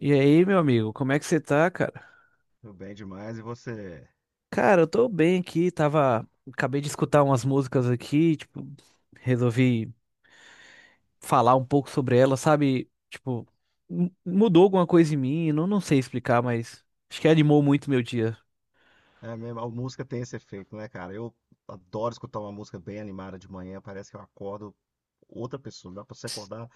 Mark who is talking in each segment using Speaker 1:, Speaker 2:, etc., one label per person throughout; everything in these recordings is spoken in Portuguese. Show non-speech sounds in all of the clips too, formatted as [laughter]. Speaker 1: E aí, meu amigo, como é que você tá, cara?
Speaker 2: Tudo bem demais. E você?
Speaker 1: Cara, eu tô bem aqui, tava. Acabei de escutar umas músicas aqui, tipo, resolvi falar um pouco sobre elas, sabe? Tipo, mudou alguma coisa em mim, não sei explicar, mas acho que animou muito meu dia.
Speaker 2: É mesmo, a música tem esse efeito, né, cara? Eu adoro escutar uma música bem animada de manhã. Parece que eu acordo outra pessoa. Dá pra você acordar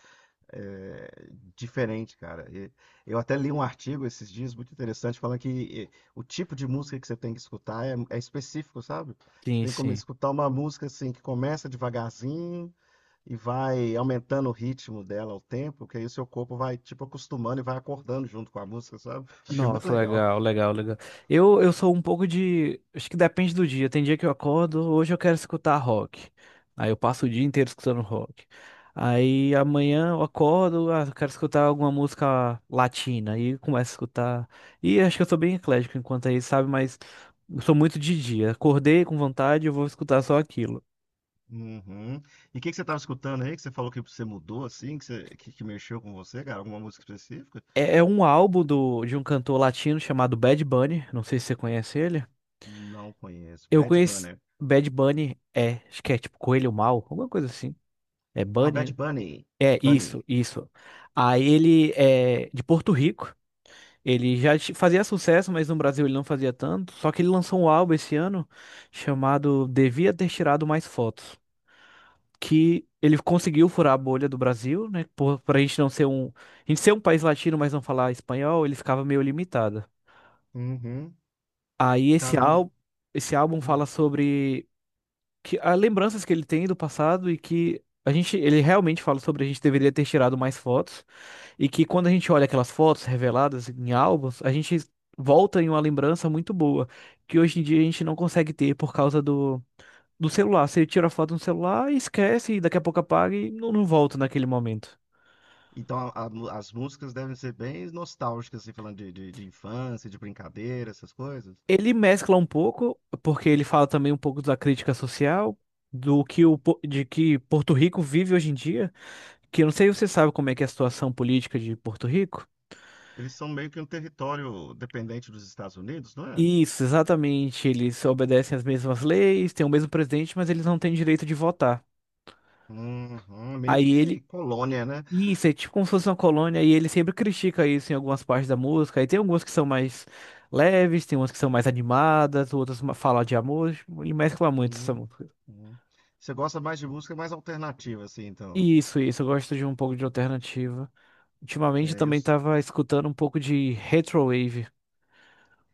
Speaker 2: é, diferente, cara. E eu até li um artigo esses dias muito interessante falando que o tipo de música que você tem que escutar é específico, sabe? Você
Speaker 1: Sim,
Speaker 2: tem que
Speaker 1: sim.
Speaker 2: escutar uma música assim que começa devagarzinho e vai aumentando o ritmo dela ao tempo, que aí o seu corpo vai tipo acostumando e vai acordando junto com a música, sabe? Achei muito
Speaker 1: Nossa,
Speaker 2: legal.
Speaker 1: legal, legal, legal. Eu sou um pouco de. Acho que depende do dia. Tem dia que eu acordo, hoje eu quero escutar rock. Aí eu passo o dia inteiro escutando rock. Aí amanhã eu acordo, ah, eu quero escutar alguma música latina. Aí começo a escutar. E acho que eu sou bem eclético enquanto aí, sabe? Mas eu sou muito de dia. Acordei com vontade, eu vou escutar só aquilo.
Speaker 2: Uhum. E o que que você estava escutando aí? Que você falou que você mudou assim, que mexeu com você, cara? Alguma música específica?
Speaker 1: É um álbum de um cantor latino chamado Bad Bunny. Não sei se você conhece ele.
Speaker 2: Não conheço.
Speaker 1: Eu
Speaker 2: Bad
Speaker 1: conheço
Speaker 2: Bunny.
Speaker 1: Bad Bunny, é, acho que é tipo Coelho Mal, alguma coisa assim. É
Speaker 2: Ah,
Speaker 1: Bunny, né?
Speaker 2: Bad Bunny.
Speaker 1: É, isso,
Speaker 2: Bunny.
Speaker 1: isso. Aí ele é de Porto Rico. Ele já fazia sucesso, mas no Brasil ele não fazia tanto. Só que ele lançou um álbum esse ano chamado Devia Ter Tirado Mais Fotos. Que ele conseguiu furar a bolha do Brasil, né? Pra gente não ser um. A gente ser um país latino, mas não falar espanhol, ele ficava meio limitado.
Speaker 2: Uhum.
Speaker 1: Aí esse
Speaker 2: Cara, eu não.
Speaker 1: álbum, esse álbum
Speaker 2: Hum.
Speaker 1: fala sobre que há lembranças que ele tem do passado e que a gente, ele realmente fala sobre a gente deveria ter tirado mais fotos e que quando a gente olha aquelas fotos reveladas em álbuns, a gente volta em uma lembrança muito boa, que hoje em dia a gente não consegue ter por causa do celular. Você tira a foto no celular e esquece e daqui a pouco apaga e não volta naquele momento.
Speaker 2: Então as músicas devem ser bem nostálgicas, assim, falando de infância, de brincadeira, essas coisas.
Speaker 1: Ele mescla um pouco, porque ele fala também um pouco da crítica social, do que o, po- de que Porto Rico vive hoje em dia, que eu não sei se você sabe como é que é a situação política de Porto Rico.
Speaker 2: Eles são meio que um território dependente dos Estados Unidos, não é?
Speaker 1: Isso, exatamente. Eles obedecem às mesmas leis, têm o mesmo presidente, mas eles não têm direito de votar.
Speaker 2: Uhum. Meio
Speaker 1: Aí
Speaker 2: que
Speaker 1: ele.
Speaker 2: colônia, né?
Speaker 1: Isso, é tipo como se fosse uma colônia, e ele sempre critica isso em algumas partes da música. Aí tem algumas que são mais leves, tem umas que são mais animadas, outras falam de amor, e mescla muito essa
Speaker 2: Uhum.
Speaker 1: música.
Speaker 2: Uhum. Você gosta mais de música mais alternativa, assim, então.
Speaker 1: Isso, eu gosto de um pouco de alternativa. Ultimamente eu
Speaker 2: É, eu,
Speaker 1: também tava escutando um pouco de retrowave.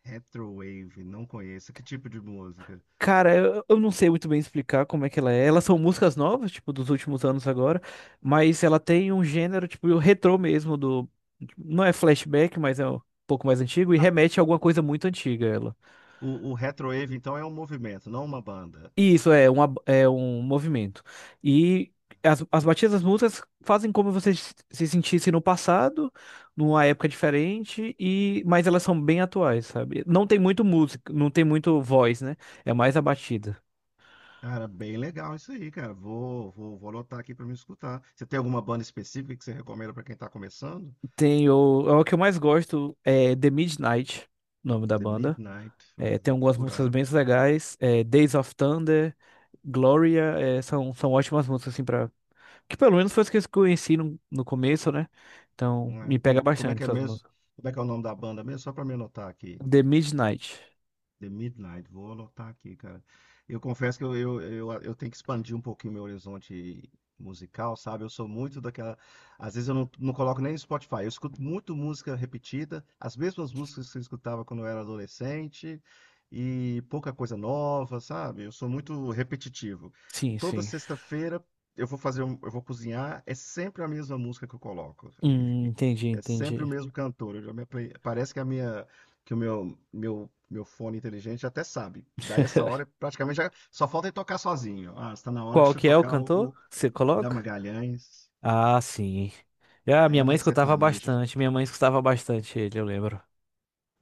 Speaker 2: Retrowave, não conheço. Que tipo de música?
Speaker 1: Cara, eu não sei muito bem explicar como é que ela é. Elas são músicas novas, tipo, dos últimos anos agora, mas ela tem um gênero, tipo, o retrô mesmo do. Não é flashback, mas é um pouco mais antigo e
Speaker 2: Ah,
Speaker 1: remete a alguma coisa muito antiga, ela.
Speaker 2: o Retrowave, então, é um movimento, não uma banda.
Speaker 1: E isso é um movimento. E as batidas das músicas fazem como você se sentisse no passado, numa época diferente, e mas elas são bem atuais, sabe? Não tem muito música, não tem muito voz, né? É mais a batida.
Speaker 2: Cara, bem legal isso aí, cara. Vou anotar aqui pra me escutar. Você tem alguma banda específica que você recomenda pra quem tá começando?
Speaker 1: É o que eu mais gosto, é The Midnight, o nome da
Speaker 2: The
Speaker 1: banda.
Speaker 2: Midnight,
Speaker 1: É, tem
Speaker 2: vou
Speaker 1: algumas músicas
Speaker 2: procurar.
Speaker 1: bem legais, é, Days of Thunder, Gloria, é, são ótimas músicas, assim, pra. Que pelo menos foi as que eu conheci no começo, né? Então,
Speaker 2: Não é?
Speaker 1: me pega
Speaker 2: Como é
Speaker 1: bastante
Speaker 2: que é
Speaker 1: essas
Speaker 2: mesmo?
Speaker 1: músicas.
Speaker 2: Como é que é o nome da banda mesmo? Só pra me anotar aqui.
Speaker 1: The Midnight.
Speaker 2: The Midnight, vou anotar aqui, cara. Eu confesso que eu tenho que expandir um pouquinho meu horizonte musical, sabe? Eu sou muito daquela. Às vezes eu não coloco nem no Spotify. Eu escuto muito música repetida, as mesmas músicas que eu escutava quando eu era adolescente, e pouca coisa nova, sabe? Eu sou muito repetitivo.
Speaker 1: Sim,
Speaker 2: Toda
Speaker 1: sim.
Speaker 2: sexta-feira eu vou cozinhar, é sempre a mesma música que eu coloco.
Speaker 1: Entendi,
Speaker 2: É sempre o
Speaker 1: entendi.
Speaker 2: mesmo cantor. Eu já parece que o meu fone inteligente até sabe. Daí essa hora,
Speaker 1: [laughs]
Speaker 2: praticamente já só falta ele tocar sozinho. Ah, está na hora de
Speaker 1: Qual
Speaker 2: você
Speaker 1: que é o
Speaker 2: tocar o,
Speaker 1: cantor
Speaker 2: o
Speaker 1: que você
Speaker 2: Léo
Speaker 1: coloca?
Speaker 2: Magalhães.
Speaker 1: Ah, sim. Ah,
Speaker 2: Aí
Speaker 1: minha
Speaker 2: é
Speaker 1: mãe
Speaker 2: mais
Speaker 1: escutava
Speaker 2: sertanejo.
Speaker 1: bastante, minha mãe escutava bastante ele, eu lembro.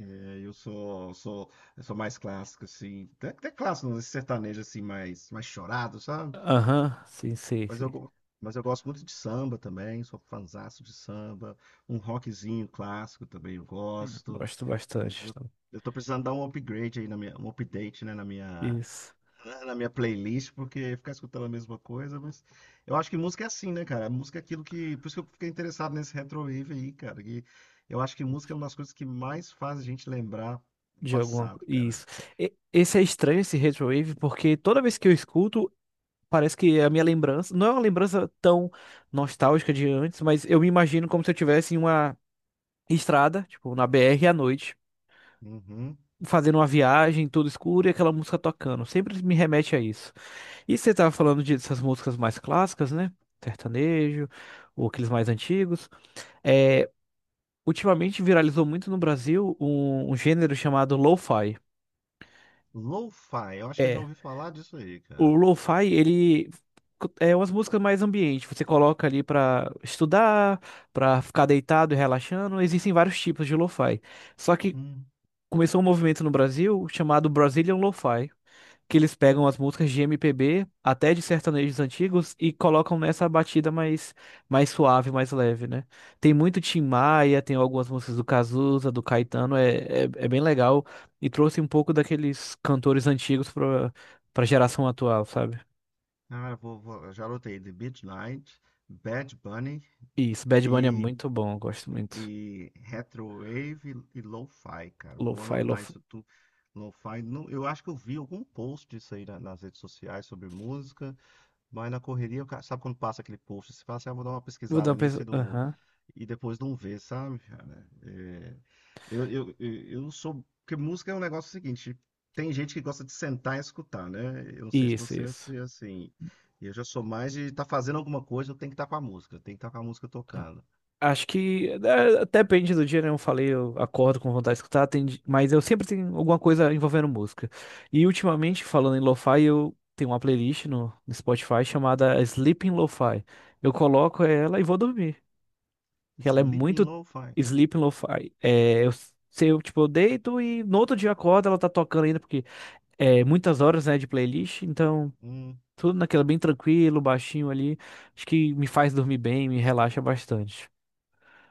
Speaker 2: É, eu sou, sou, eu sou mais clássico assim. Até clássico, não, esse sertanejo assim mais chorado, sabe?
Speaker 1: Aham, sim, sim,
Speaker 2: Mas
Speaker 1: sim.
Speaker 2: eu, go- mas eu gosto muito de samba também, sou fanzaço de samba. Um rockzinho clássico também eu gosto.
Speaker 1: Gosto bastante,
Speaker 2: Mas eu,
Speaker 1: então.
Speaker 2: eu tô precisando dar um upgrade aí na minha, um update, né, na minha,
Speaker 1: Isso.
Speaker 2: na na minha playlist, porque ficar escutando a mesma coisa, mas eu acho que música é assim, né, cara? Música é aquilo que, por isso que eu fiquei interessado nesse retrowave aí, cara, que eu acho que música é uma das coisas que mais faz a gente lembrar o
Speaker 1: De alguma
Speaker 2: passado, cara.
Speaker 1: Isso. Esse é estranho, esse retrowave, porque toda vez que eu escuto, parece que é a minha lembrança. Não é uma lembrança tão nostálgica de antes, mas eu me imagino como se eu estivesse em uma estrada, tipo, na BR à noite,
Speaker 2: Uhum.
Speaker 1: fazendo uma viagem, tudo escuro e aquela música tocando. Sempre me remete a isso. E você tava falando dessas músicas mais clássicas, né? Sertanejo, ou aqueles mais antigos. É, ultimamente viralizou muito no Brasil um gênero chamado lo-fi.
Speaker 2: Lo-fi, eu acho que eu já
Speaker 1: É.
Speaker 2: ouvi falar disso aí,
Speaker 1: O
Speaker 2: cara.
Speaker 1: lo-fi, ele é umas músicas mais ambiente. Você coloca ali pra estudar, pra ficar deitado e relaxando. Existem vários tipos de lo-fi. Só que
Speaker 2: Uhum.
Speaker 1: começou um movimento no Brasil chamado Brazilian Lo-fi, que eles pegam as músicas de MPB, até de sertanejos antigos, e colocam nessa batida mais suave, mais leve, né? Tem muito Tim Maia, tem algumas músicas do Cazuza, do Caetano, é bem legal, e trouxe um pouco daqueles cantores antigos pra geração atual, sabe?
Speaker 2: Ah, eu já anotei The Midnight, Bad Bunny
Speaker 1: Isso, Bad Bunny é
Speaker 2: e,
Speaker 1: muito bom, eu gosto muito.
Speaker 2: e Retrowave e Lo-Fi, cara. Vou
Speaker 1: Lo-fi,
Speaker 2: anotar
Speaker 1: lo-fi.
Speaker 2: isso tudo. Lo-Fi, eu acho que eu vi algum post disso aí nas redes sociais sobre música. Mas na correria, sabe quando passa aquele post? Você fala assim, ah, vou dar uma
Speaker 1: Vou dar
Speaker 2: pesquisada
Speaker 1: uma
Speaker 2: nisso e,
Speaker 1: pensada.
Speaker 2: não,
Speaker 1: Aham.
Speaker 2: e depois não vê, sabe, cara? É, eu sou. Porque música é um negócio seguinte: tem gente que gosta de sentar e escutar, né? Eu não sei se
Speaker 1: Isso,
Speaker 2: você é
Speaker 1: isso.
Speaker 2: assim. Eu já sou mais de estar fazendo alguma coisa, eu tenho que estar com a música, eu tenho que estar com a música tocando.
Speaker 1: Acho que é, até depende do dia, né? Eu falei, eu acordo com vontade de escutar, tem mas eu sempre tenho alguma coisa envolvendo música. E ultimamente, falando em lo-fi, eu tenho uma playlist no Spotify chamada Sleeping Lo-Fi. Eu coloco ela e vou dormir. Que ela é
Speaker 2: Sleeping
Speaker 1: muito
Speaker 2: Lo-Fi.
Speaker 1: Sleeping Lo-Fi. É, se eu, tipo, eu deito e no outro dia eu acordo, ela tá tocando ainda, porque é muitas horas, né, de playlist, então
Speaker 2: Hum.
Speaker 1: tudo naquela bem tranquilo, baixinho ali. Acho que me faz dormir bem, me relaxa bastante.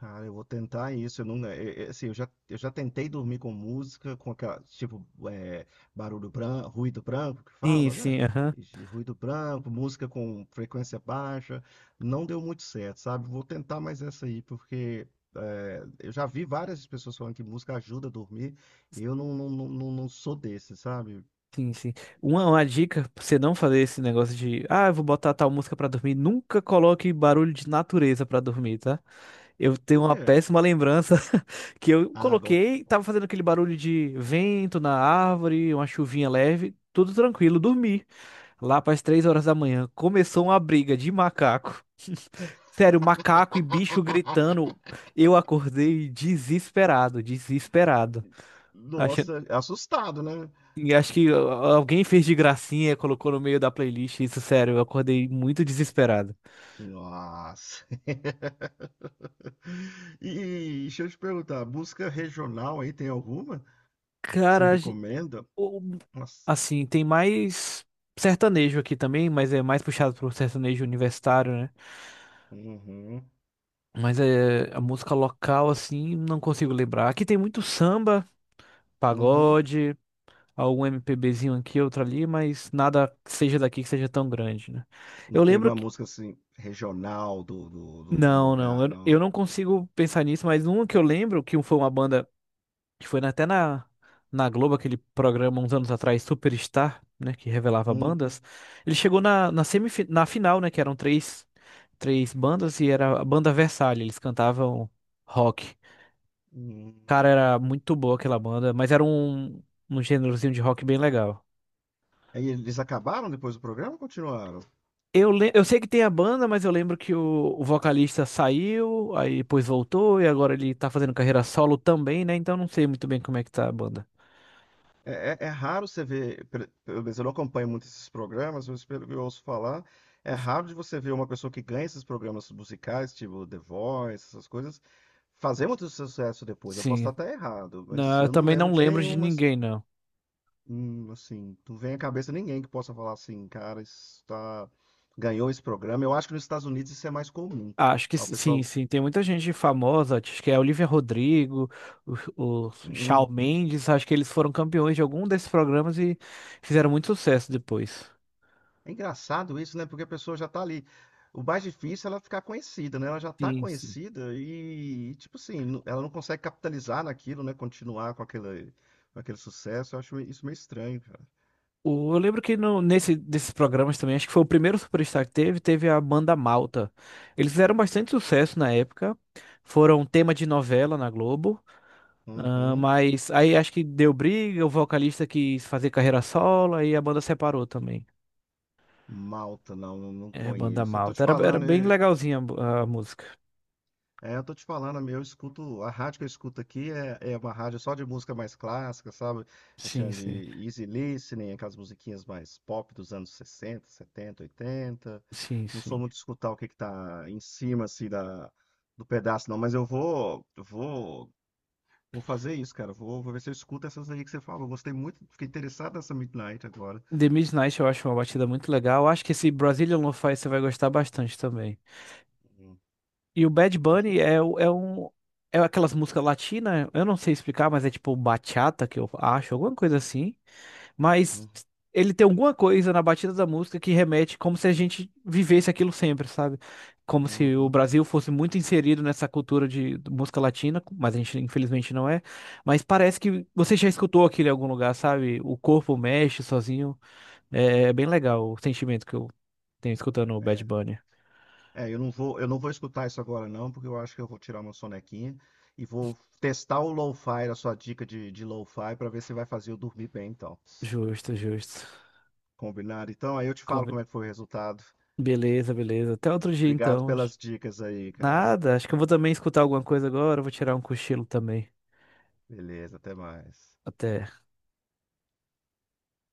Speaker 2: Ah, eu vou tentar isso. Eu não, assim, eu já tentei dormir com música, com aquela, tipo, barulho branco, ruído branco que
Speaker 1: Sim,
Speaker 2: fala, né?
Speaker 1: sim, aham.
Speaker 2: Esse ruído branco, música com frequência baixa. Não deu muito certo, sabe? Vou tentar mais essa aí, porque eu já vi várias pessoas falando que música ajuda a dormir. E eu não sou desse, sabe?
Speaker 1: Sim, sim. Uma dica pra você não fazer esse negócio de, ah, eu vou botar tal música pra dormir. Nunca coloque barulho de natureza pra dormir, tá? Eu tenho
Speaker 2: Por
Speaker 1: uma
Speaker 2: quê?
Speaker 1: péssima lembrança [laughs] que eu
Speaker 2: Ah, agora.
Speaker 1: coloquei, tava fazendo aquele barulho de vento na árvore, uma chuvinha leve, tudo tranquilo, dormi. Lá para as 3 horas da manhã, começou uma briga de macaco. Sério, macaco e bicho gritando.
Speaker 2: [laughs]
Speaker 1: Eu acordei desesperado, desesperado.
Speaker 2: Nossa, assustado, né?
Speaker 1: E acho que alguém fez de gracinha, e colocou no meio da playlist. Isso, sério, eu acordei muito desesperado.
Speaker 2: Nossa. [laughs] E deixa eu te perguntar, música regional aí tem alguma que você
Speaker 1: Cara,
Speaker 2: recomenda?
Speaker 1: o-
Speaker 2: Nossa.
Speaker 1: assim, tem mais sertanejo aqui também, mas é mais puxado pro sertanejo universitário, né?
Speaker 2: Uhum,
Speaker 1: Mas é a música local, assim, não consigo lembrar. Aqui tem muito samba,
Speaker 2: uhum.
Speaker 1: pagode, algum MPBzinho aqui, outro ali, mas nada que seja daqui que seja tão grande, né?
Speaker 2: Não
Speaker 1: Eu
Speaker 2: tem
Speaker 1: lembro
Speaker 2: uma
Speaker 1: que.
Speaker 2: música assim regional do
Speaker 1: Não, não,
Speaker 2: lugar,
Speaker 1: eu
Speaker 2: não.
Speaker 1: não consigo pensar nisso, mas um que eu lembro, que foi uma banda. Que foi até na Globo, aquele programa uns anos atrás, Superstar, né, que revelava
Speaker 2: Hum,
Speaker 1: bandas, ele chegou na, na, semif na final, né, que eram três bandas e era a banda Versalhes, eles cantavam rock.
Speaker 2: hum.
Speaker 1: Cara, era muito boa aquela banda, mas era um gênerozinho de rock bem legal.
Speaker 2: Aí eles acabaram depois do programa ou continuaram?
Speaker 1: Eu sei que tem a banda, mas eu lembro que o vocalista saiu, aí depois voltou, e agora ele tá fazendo carreira solo também, né? Então não sei muito bem como é que tá a banda.
Speaker 2: É raro você ver, pelo menos eu não acompanho muito esses programas, mas pelo que eu ouço falar, é raro de você ver uma pessoa que ganha esses programas musicais, tipo The Voice, essas coisas, fazer muito sucesso depois. Eu posso
Speaker 1: Sim,
Speaker 2: estar até errado, mas
Speaker 1: não, eu
Speaker 2: eu não
Speaker 1: também
Speaker 2: lembro
Speaker 1: não
Speaker 2: de
Speaker 1: lembro de
Speaker 2: nenhuma.
Speaker 1: ninguém, não.
Speaker 2: Assim, não vem à cabeça ninguém que possa falar assim, cara, ganhou esse programa. Eu acho que nos Estados Unidos isso é mais comum.
Speaker 1: Acho que
Speaker 2: Lá o
Speaker 1: sim,
Speaker 2: pessoal.
Speaker 1: sim. Tem muita gente famosa, acho que é Olivia Rodrigo, o Shawn
Speaker 2: Hum.
Speaker 1: Mendes, acho que eles foram campeões de algum desses programas e fizeram muito sucesso depois.
Speaker 2: É engraçado isso, né? Porque a pessoa já tá ali. O mais difícil é ela ficar conhecida, né? Ela já tá
Speaker 1: Sim, sim.
Speaker 2: conhecida tipo assim, ela não consegue capitalizar naquilo, né? Continuar com aquele sucesso. Eu acho isso meio estranho, cara.
Speaker 1: Eu lembro que no, nesse, desses programas também, acho que foi o primeiro Superstar que teve, a banda Malta. Eles fizeram bastante sucesso na época, foram tema de novela na Globo, ah,
Speaker 2: Uhum.
Speaker 1: mas aí acho que deu briga, o vocalista quis fazer carreira solo, aí a banda separou também.
Speaker 2: Malta, não
Speaker 1: É, Banda
Speaker 2: conheço. Eu tô te
Speaker 1: Malta. Era
Speaker 2: falando.
Speaker 1: bem legalzinha a música.
Speaker 2: É, eu tô te falando, eu escuto, a rádio que eu escuto aqui é uma rádio só de música mais clássica, sabe? É
Speaker 1: Sim,
Speaker 2: chama de
Speaker 1: sim.
Speaker 2: easy listening, aquelas musiquinhas mais pop dos anos 60, 70, 80.
Speaker 1: Sim,
Speaker 2: Não sou
Speaker 1: sim.
Speaker 2: muito de escutar o que que tá em cima, assim, do pedaço, não, mas eu vou fazer isso, cara. Vou ver se eu escuto essas aí que você falou. Gostei muito, fiquei interessado nessa Midnight agora.
Speaker 1: The Midnight eu acho uma batida muito legal. Eu acho que esse Brazilian Lo-Fi você vai gostar bastante também.
Speaker 2: Uhum.
Speaker 1: E o Bad
Speaker 2: Acho
Speaker 1: Bunny
Speaker 2: que.
Speaker 1: é um. É aquelas músicas latinas, eu não sei explicar, mas é tipo bachata que eu acho, alguma coisa assim. Mas
Speaker 2: Uhum.
Speaker 1: ele tem alguma coisa na batida da música que remete como se a gente vivesse aquilo sempre, sabe? Como se o
Speaker 2: Uhum.
Speaker 1: Brasil fosse muito inserido nessa cultura de música latina, mas a gente infelizmente não é. Mas parece que você já escutou aquilo em algum lugar, sabe? O corpo mexe sozinho. É, é bem legal o sentimento que eu tenho escutando o Bad
Speaker 2: É.
Speaker 1: Bunny.
Speaker 2: É, eu não vou escutar isso agora não, porque eu acho que eu vou tirar uma sonequinha e vou testar o lo-fi, a sua dica de lo-fi, para ver se vai fazer eu dormir bem, então.
Speaker 1: Justo, justo.
Speaker 2: Combinado? Então, aí eu te falo
Speaker 1: Come-
Speaker 2: como é que foi o resultado.
Speaker 1: Beleza, beleza. Até outro dia
Speaker 2: Obrigado
Speaker 1: então.
Speaker 2: pelas dicas aí, cara.
Speaker 1: Nada, acho que eu vou também escutar alguma coisa agora, eu vou tirar um cochilo também.
Speaker 2: Beleza, até mais.
Speaker 1: Até.